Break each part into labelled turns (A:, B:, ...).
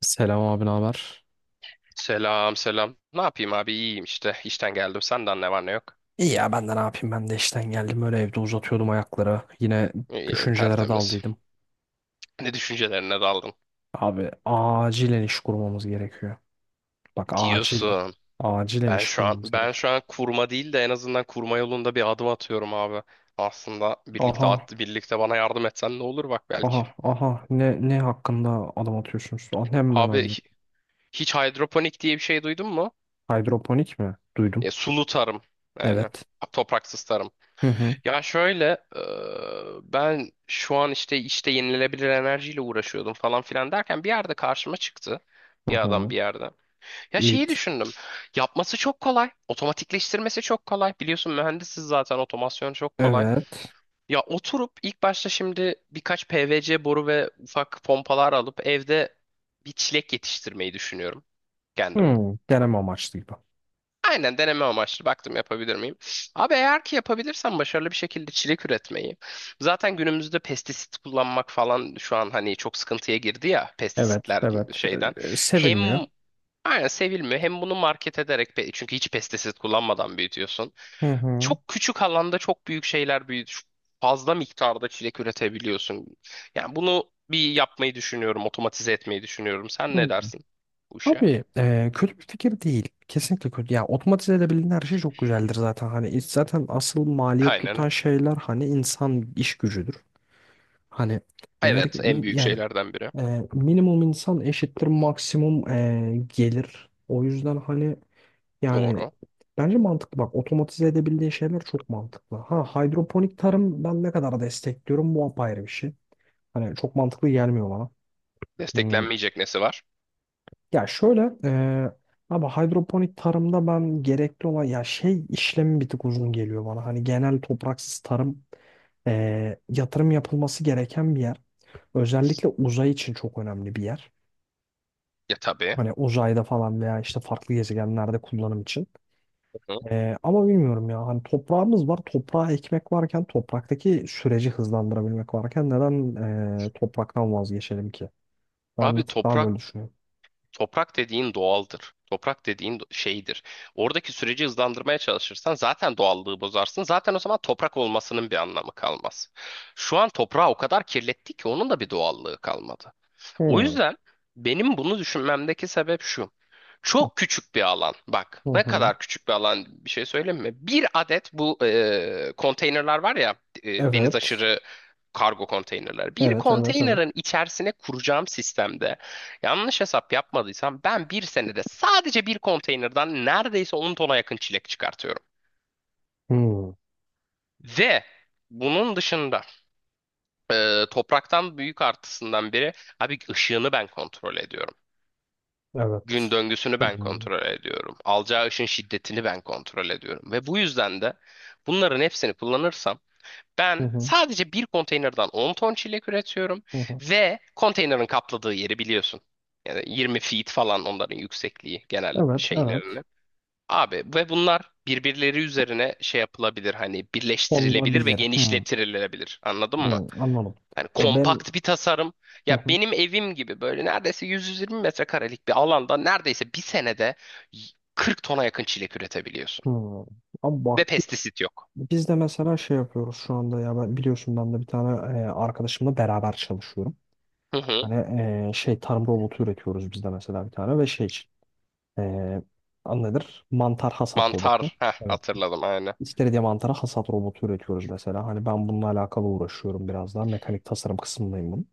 A: Selam abi, ne haber?
B: Selam selam. Ne yapayım abi iyiyim işte. İşten geldim. Senden ne var ne yok?
A: İyi ya ben de ne yapayım ben de işten geldim öyle evde uzatıyordum ayakları. Yine
B: İyi,
A: düşüncelere
B: tertemiz.
A: daldıydım.
B: Ne düşüncelerine daldın?
A: Abi acilen iş kurmamız gerekiyor. Bak acilen.
B: Diyorsun.
A: Acilen
B: Ben
A: iş
B: şu an
A: kurmamız
B: ben
A: gerekiyor.
B: şu an kurma değil de en azından kurma yolunda bir adım atıyorum abi. Aslında birlikte
A: Aha,
B: at, birlikte bana yardım etsen ne olur bak belki.
A: aha, aha, ne hakkında adım atıyorsunuz? Aa, ben
B: Abi
A: anladım.
B: hiç hidroponik diye bir şey duydun mu?
A: Hidroponik mi?
B: Ya,
A: Duydum.
B: sulu tarım. Yani
A: Evet.
B: topraksız tarım.
A: Hı hı.
B: Ya şöyle, ben şu an işte yenilenebilir enerjiyle uğraşıyordum falan filan derken bir yerde karşıma çıktı.
A: Hı
B: Bir adam
A: hı.
B: bir yerde. Ya şeyi
A: Evet.
B: düşündüm. Yapması çok kolay. Otomatikleştirmesi çok kolay. Biliyorsun mühendisiz zaten otomasyon çok kolay.
A: Evet.
B: Ya oturup ilk başta şimdi birkaç PVC boru ve ufak pompalar alıp evde bir çilek yetiştirmeyi düşünüyorum kendim.
A: Hı, deneme amaçlı gibi.
B: Aynen deneme amaçlı baktım yapabilir miyim? Abi eğer ki yapabilirsem başarılı bir şekilde çilek üretmeyi. Zaten günümüzde pestisit kullanmak falan şu an hani çok sıkıntıya girdi ya
A: Evet
B: pestisitler
A: evet.
B: şeyden.
A: Ee,
B: Hem
A: sevilmiyor.
B: aynen sevilmiyor hem bunu market ederek çünkü hiç pestisit kullanmadan büyütüyorsun.
A: Hı
B: Çok küçük alanda çok büyük şeyler büyüt fazla miktarda çilek üretebiliyorsun. Yani bunu bir yapmayı düşünüyorum, otomatize etmeyi düşünüyorum. Sen ne
A: hı.
B: dersin bu işe?
A: Abi kötü bir fikir değil. Kesinlikle kötü. Ya otomatize edebildiğin her şey çok güzeldir zaten. Hani zaten asıl maliyet tutan
B: Aynen.
A: şeyler hani insan iş gücüdür. Hani
B: Evet, en büyük
A: yani
B: şeylerden biri.
A: minimum insan eşittir maksimum gelir. O yüzden hani yani
B: Doğru.
A: bence mantıklı. Bak otomatize edebildiğin şeyler çok mantıklı. Ha, hidroponik tarım ben ne kadar destekliyorum bu apayrı bir şey. Hani çok mantıklı gelmiyor bana.
B: Desteklenmeyecek nesi var?
A: Ya şöyle abi hidroponik tarımda ben gerekli olan ya şey işlemi bir tık uzun geliyor bana. Hani genel topraksız tarım yatırım yapılması gereken bir yer. Özellikle uzay için çok önemli bir yer.
B: Ya tabii.
A: Hani uzayda falan veya işte farklı gezegenlerde kullanım için.
B: Hı hı.
A: Ama bilmiyorum ya hani toprağımız var. Toprağa ekmek varken topraktaki süreci hızlandırabilmek varken neden topraktan vazgeçelim ki? Ben
B: Abi
A: bir tık daha
B: toprak
A: böyle düşünüyorum.
B: toprak dediğin doğaldır. Toprak dediğin şeydir. Oradaki süreci hızlandırmaya çalışırsan zaten doğallığı bozarsın. Zaten o zaman toprak olmasının bir anlamı kalmaz. Şu an toprağı o kadar kirlettik ki onun da bir doğallığı kalmadı. O
A: Hmm.
B: yüzden benim bunu düşünmemdeki sebep şu. Çok küçük bir alan. Bak
A: Hı
B: ne
A: hı.
B: kadar küçük bir alan bir şey söyleyeyim mi? Bir adet bu konteynerler var ya deniz
A: Evet.
B: aşırı kargo konteynerler. Bir
A: Evet, evet, evet.
B: konteynerin içerisine kuracağım sistemde yanlış hesap yapmadıysam ben bir senede sadece bir konteynerden neredeyse 10 tona yakın çilek çıkartıyorum.
A: Hmm,
B: Ve bunun dışında topraktan büyük artısından biri abi ışığını ben kontrol ediyorum.
A: evet.
B: Gün döngüsünü ben
A: Hmm.
B: kontrol ediyorum. Alacağı ışın şiddetini ben kontrol ediyorum. Ve bu yüzden de bunların hepsini kullanırsam
A: Hı
B: ben
A: hı,
B: sadece bir konteynerden 10 ton çilek üretiyorum
A: hı hı.
B: ve konteynerin kapladığı yeri biliyorsun. Yani 20 feet falan onların yüksekliği genel
A: Evet, evet.
B: şeylerini. Abi ve bunlar birbirleri üzerine şey yapılabilir hani birleştirilebilir ve
A: Olabilir. Hmm,
B: genişletilebilir. Anladın mı?
A: hmm, anladım.
B: Yani
A: Ya benim.
B: kompakt bir tasarım.
A: Hı
B: Ya
A: hı,
B: benim evim gibi böyle neredeyse 100-120 metrekarelik bir alanda neredeyse bir senede 40 tona yakın çilek üretebiliyorsun.
A: hmm. Abi bak
B: Ve pestisit yok.
A: biz de mesela şey yapıyoruz şu anda ya ben biliyorsun ben de bir tane arkadaşımla beraber çalışıyorum.
B: Hı hı.
A: Hani şey tarım robotu üretiyoruz biz de mesela bir tane ve şey için e, adı nedir? Mantar hasat robotu.
B: Mantar. Heh,
A: Evet.
B: hatırladım aynen.
A: İstediğim antara hasat robotu üretiyoruz mesela. Hani ben bununla alakalı uğraşıyorum biraz daha. Mekanik tasarım kısmındayım bunun.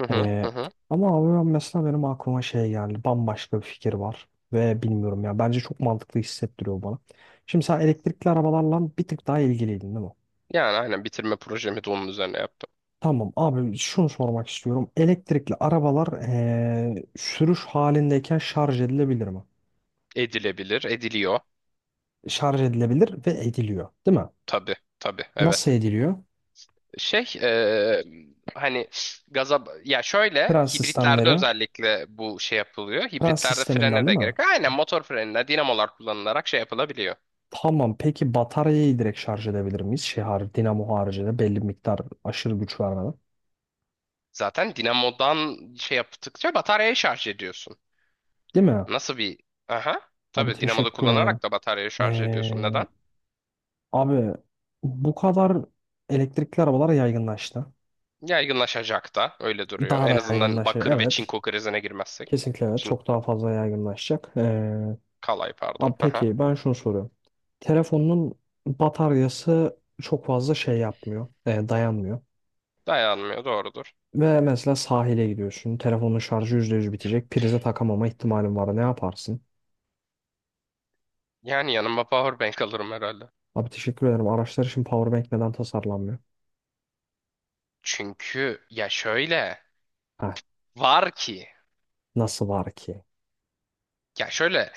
B: Hı hı, hı
A: Ee,
B: hı.
A: ama abi ben mesela benim aklıma şey geldi. Bambaşka bir fikir var. Ve bilmiyorum ya. Bence çok mantıklı hissettiriyor bana. Şimdi sen elektrikli arabalarla bir tık daha ilgiliydin değil mi?
B: Yani aynen bitirme projemi de onun üzerine yaptım.
A: Tamam abi şunu sormak istiyorum. Elektrikli arabalar sürüş halindeyken şarj edilebilir mi?
B: Edilebilir, ediliyor.
A: Şarj edilebilir ve ediliyor, değil mi?
B: Tabii, tabii,
A: Nasıl
B: evet.
A: ediliyor?
B: Şey, hani gaza, ya şöyle
A: Tren
B: hibritlerde
A: sistemleri.
B: özellikle bu şey yapılıyor.
A: Tren
B: Hibritlerde
A: sisteminden
B: frene de
A: değil mi?
B: gerek. Aynen motor frenine dinamolar kullanılarak şey yapılabiliyor.
A: Tamam peki bataryayı direkt şarj edebilir miyiz? Şey har dinamo haricinde belli bir miktar aşırı güç vermeden.
B: Zaten dinamodan şey yaptıkça bataryayı şarj ediyorsun.
A: Değil mi?
B: Nasıl bir... Aha.
A: Abi
B: Tabii dinamoda
A: teşekkür ederim.
B: kullanarak da bataryayı şarj ediyorsun.
A: Ee,
B: Neden?
A: abi bu kadar elektrikli arabalar yaygınlaştı.
B: Yaygınlaşacak da öyle duruyor.
A: Daha da
B: En azından
A: yaygınlaşır.
B: bakır ve
A: Evet.
B: çinko krizine girmezsek.
A: Kesinlikle evet.
B: Çin...
A: Çok daha fazla yaygınlaşacak. Ee,
B: Kalay pardon.
A: abi
B: Aha.
A: peki ben şunu soruyorum. Telefonun bataryası çok fazla şey yapmıyor. Dayanmıyor.
B: Dayanmıyor doğrudur.
A: Ve mesela sahile gidiyorsun. Telefonun şarjı %100 bitecek. Prize takamama ihtimalin var. Ne yaparsın?
B: Yani yanıma powerbank alırım herhalde.
A: Abi teşekkür ederim. Araçlar için powerbank neden tasarlanmıyor?
B: Çünkü ya şöyle
A: Heh,
B: var ki
A: nasıl var ki?
B: ya şöyle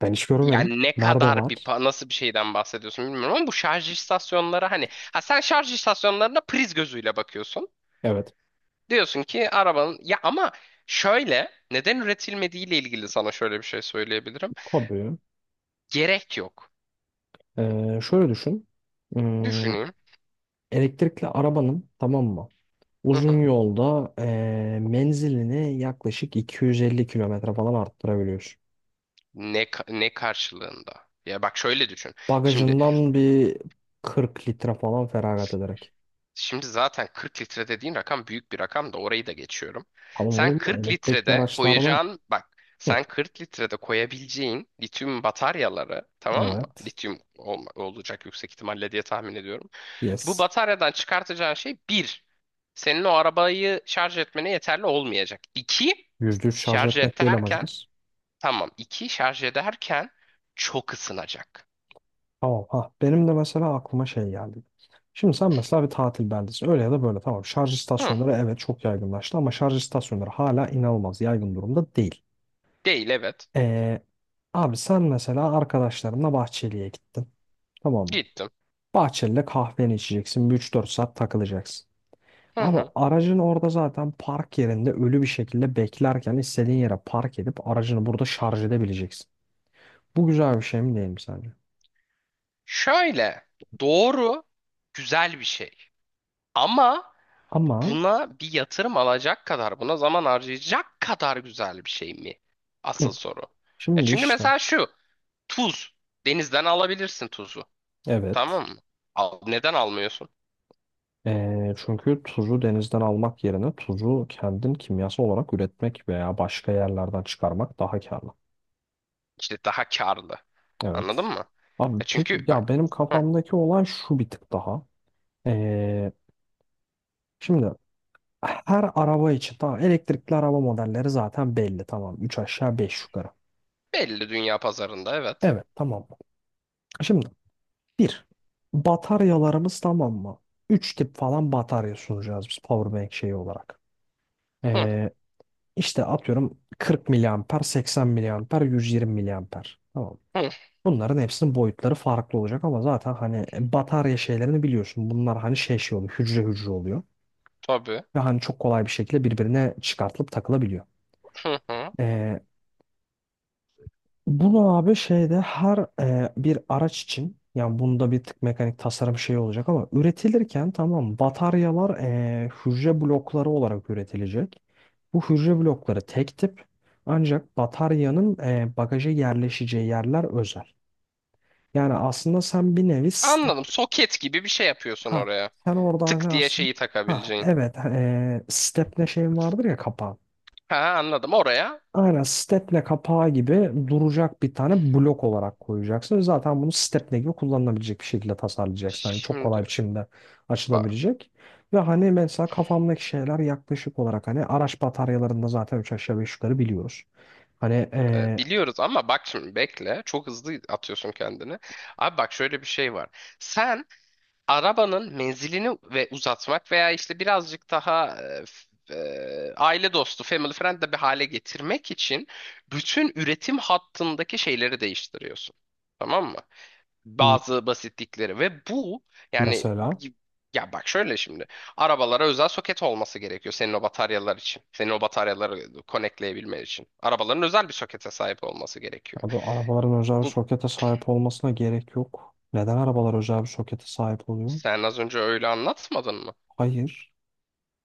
A: Ben hiç görmedim.
B: yani ne
A: Nerede
B: kadar bir
A: var?
B: nasıl bir şeyden bahsediyorsun bilmiyorum ama bu şarj istasyonları hani ha sen şarj istasyonlarına priz gözüyle bakıyorsun.
A: Evet.
B: Diyorsun ki arabanın ya ama şöyle neden üretilmediği ile ilgili sana şöyle bir şey söyleyebilirim.
A: Tabii.
B: Gerek yok.
A: Şöyle düşün. Hmm,
B: Düşüneyim.
A: elektrikli arabanın tamam mı?
B: Hı
A: Uzun
B: hı.
A: yolda menzilini yaklaşık 250 kilometre falan arttırabiliyorsun.
B: Ne karşılığında? Ya bak şöyle düşün. Şimdi
A: Bagajından bir 40 litre falan feragat ederek.
B: şimdi zaten 40 litre dediğin rakam büyük bir rakam da orayı da geçiyorum.
A: Tamam
B: Sen
A: oğlum da
B: 40
A: elektrikli
B: litrede
A: araçlarda.
B: koyacağın bak
A: Hı,
B: sen 40 litrede koyabileceğin lityum bataryaları tamam mı?
A: evet.
B: Lityum olacak yüksek ihtimalle diye tahmin ediyorum. Bu
A: Yes.
B: bataryadan çıkartacağın şey bir, senin o arabayı şarj etmene yeterli olmayacak. İki,
A: %3 şarj
B: şarj
A: etmek değil
B: ederken
A: amacımız.
B: tamam iki şarj ederken çok ısınacak.
A: Tamam. Ha, benim de mesela aklıma şey geldi. Şimdi sen mesela bir tatil beldesin. Öyle ya da böyle tamam. Şarj
B: Hı,
A: istasyonları evet çok yaygınlaştı ama şarj istasyonları hala inanılmaz yaygın durumda değil.
B: değil evet.
A: Ee, abi sen mesela arkadaşlarınla Bahçeli'ye gittin. Tamam mı?
B: Gittim.
A: Bahçeli'de kahveni içeceksin. Bir üç dört saat takılacaksın.
B: Hı
A: Abi
B: hı.
A: aracın orada zaten park yerinde ölü bir şekilde beklerken istediğin yere park edip aracını burada şarj edebileceksin. Bu güzel bir şey mi değil mi sence?
B: Şöyle doğru güzel bir şey. Ama
A: Ama
B: buna bir yatırım alacak kadar buna zaman harcayacak kadar güzel bir şey mi? Asıl
A: hı,
B: soru. Ya
A: şimdi
B: çünkü
A: işte
B: mesela şu tuz denizden alabilirsin tuzu.
A: evet.
B: Tamam mı? Al, neden almıyorsun?
A: Çünkü tuzu denizden almak yerine tuzu kendin kimyasal olarak üretmek veya başka yerlerden çıkarmak daha karlı.
B: İşte daha karlı. Anladın
A: Evet.
B: mı?
A: Abi
B: E çünkü
A: peki ya
B: bak
A: benim
B: hı,
A: kafamdaki olay şu bir tık daha. Ee, şimdi her araba için tamam elektrikli araba modelleri zaten belli tamam 3 aşağı 5 yukarı.
B: belli dünya pazarında evet.
A: Evet tamam. Şimdi bir bataryalarımız tamam mı? 3 tip falan batarya sunacağız biz powerbank şeyi olarak.
B: Hı,
A: Ee, İşte atıyorum 40 miliamper, 80 miliamper, 120 miliamper. Tamam.
B: hı,
A: Bunların hepsinin boyutları farklı olacak ama zaten hani batarya şeylerini biliyorsun. Bunlar hani şey şey oluyor, hücre hücre oluyor.
B: tabii.
A: Ve hani çok kolay bir şekilde birbirine çıkartılıp takılabiliyor.
B: Hı, hı.
A: Ee, Bunu abi şeyde her bir araç için yani bunda bir tık mekanik tasarım şeyi olacak ama üretilirken tamam bataryalar hücre blokları olarak üretilecek. Bu hücre blokları tek tip ancak bataryanın bagaja yerleşeceği yerler özel. Yani aslında sen bir nevi step
B: Anladım. Soket gibi bir şey yapıyorsun
A: ha
B: oraya.
A: sen orada hani
B: Tık diye
A: aslında
B: şeyi
A: ha
B: takabileceğin.
A: evet stepne şeyin vardır ya kapağı.
B: Ha anladım oraya.
A: Aynen stepne kapağı gibi duracak bir tane blok olarak koyacaksın. Zaten bunu stepne gibi kullanılabilecek bir şekilde tasarlayacaksın. Hani çok
B: Şimdi
A: kolay biçimde
B: bak
A: açılabilecek. Ve hani mesela kafamdaki şeyler yaklaşık olarak hani araç bataryalarında zaten üç aşağı beş yukarı biliyoruz. Hani
B: biliyoruz ama bak şimdi bekle. Çok hızlı atıyorsun kendini. Abi bak şöyle bir şey var. Sen arabanın menzilini ve uzatmak veya işte birazcık daha aile dostu, family friend de bir hale getirmek için bütün üretim hattındaki şeyleri değiştiriyorsun. Tamam mı? Bazı basitlikleri ve bu yani
A: mesela
B: ya bak şöyle şimdi arabalara özel soket olması gerekiyor senin o bataryalar için. Senin o bataryaları konekleyebilmen için. Arabaların özel bir sokete sahip olması gerekiyor.
A: abi arabaların özel bir
B: Bu
A: sokete sahip olmasına gerek yok. Neden arabalar özel bir sokete sahip oluyor?
B: sen az önce öyle anlatmadın mı?
A: Hayır.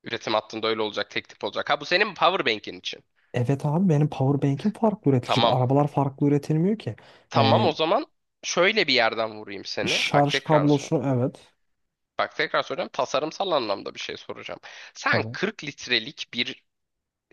B: Üretim hattında öyle olacak, tek tip olacak. Ha bu senin powerbank'in için.
A: Evet abi benim powerbank'im farklı üretilecek.
B: Tamam.
A: Arabalar farklı üretilmiyor ki.
B: Tamam o zaman şöyle bir yerden vurayım seni. Bak
A: Şarj
B: tekrar sor.
A: kablosunu evet.
B: Bak tekrar soracağım. Tasarımsal anlamda bir şey soracağım. Sen
A: Tabii.
B: 40 litrelik bir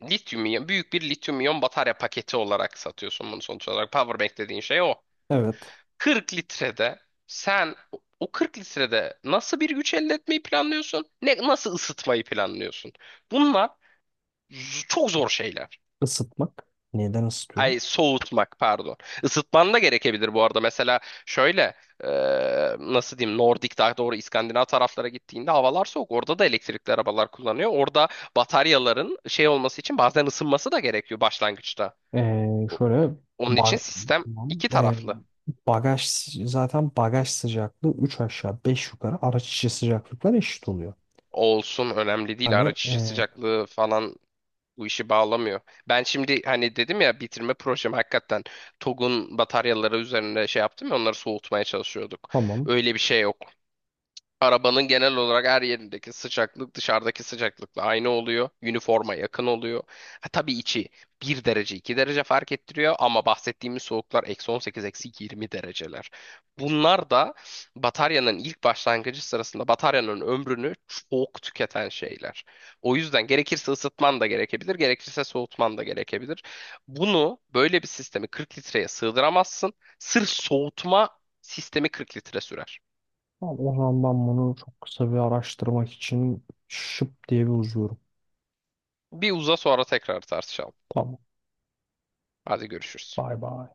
B: lityum iyon, büyük bir lityum iyon batarya paketi olarak satıyorsun bunu sonuç olarak. Powerbank dediğin şey o.
A: Evet.
B: 40 litrede sen o 40 litrede nasıl bir güç elde etmeyi planlıyorsun? Ne, nasıl ısıtmayı planlıyorsun? Bunlar çok zor şeyler.
A: Isıtmak. Neden ısıtıyorum?
B: Ay soğutmak pardon. Isıtman da gerekebilir bu arada. Mesela şöyle e, nasıl diyeyim Nordik daha doğru İskandinav taraflara gittiğinde havalar soğuk. Orada da elektrikli arabalar kullanıyor. Orada bataryaların şey olması için bazen ısınması da gerekiyor başlangıçta.
A: Ee,
B: O-
A: şöyle
B: Onun için
A: ba-
B: sistem
A: tamam.
B: iki
A: Ee,
B: taraflı
A: bagaj zaten bagaj sıcaklığı 3 aşağı 5 yukarı araç içi sıcaklıklar eşit oluyor.
B: olsun önemli değil.
A: Hani
B: Araç içi sıcaklığı falan bu işi bağlamıyor. Ben şimdi hani dedim ya bitirme projem hakikaten TOG'un bataryaları üzerine şey yaptım ya onları soğutmaya çalışıyorduk.
A: tamam.
B: Öyle bir şey yok. Arabanın genel olarak her yerindeki sıcaklık dışarıdaki sıcaklıkla aynı oluyor. Üniforma yakın oluyor. Ha, tabii içi bir derece 2 derece fark ettiriyor ama bahsettiğimiz soğuklar eksi 18 eksi 20 dereceler. Bunlar da bataryanın ilk başlangıcı sırasında bataryanın ömrünü çok tüketen şeyler. O yüzden gerekirse ısıtman da gerekebilir, gerekirse soğutman da gerekebilir. Bunu böyle bir sistemi 40 litreye sığdıramazsın. Sırf soğutma sistemi 40 litre sürer.
A: Tamam, o zaman ben bunu çok kısa bir araştırmak için şıp diye bir uzuyorum.
B: Bir uza sonra tekrar tartışalım.
A: Tamam.
B: Hadi görüşürüz.
A: Bay bay.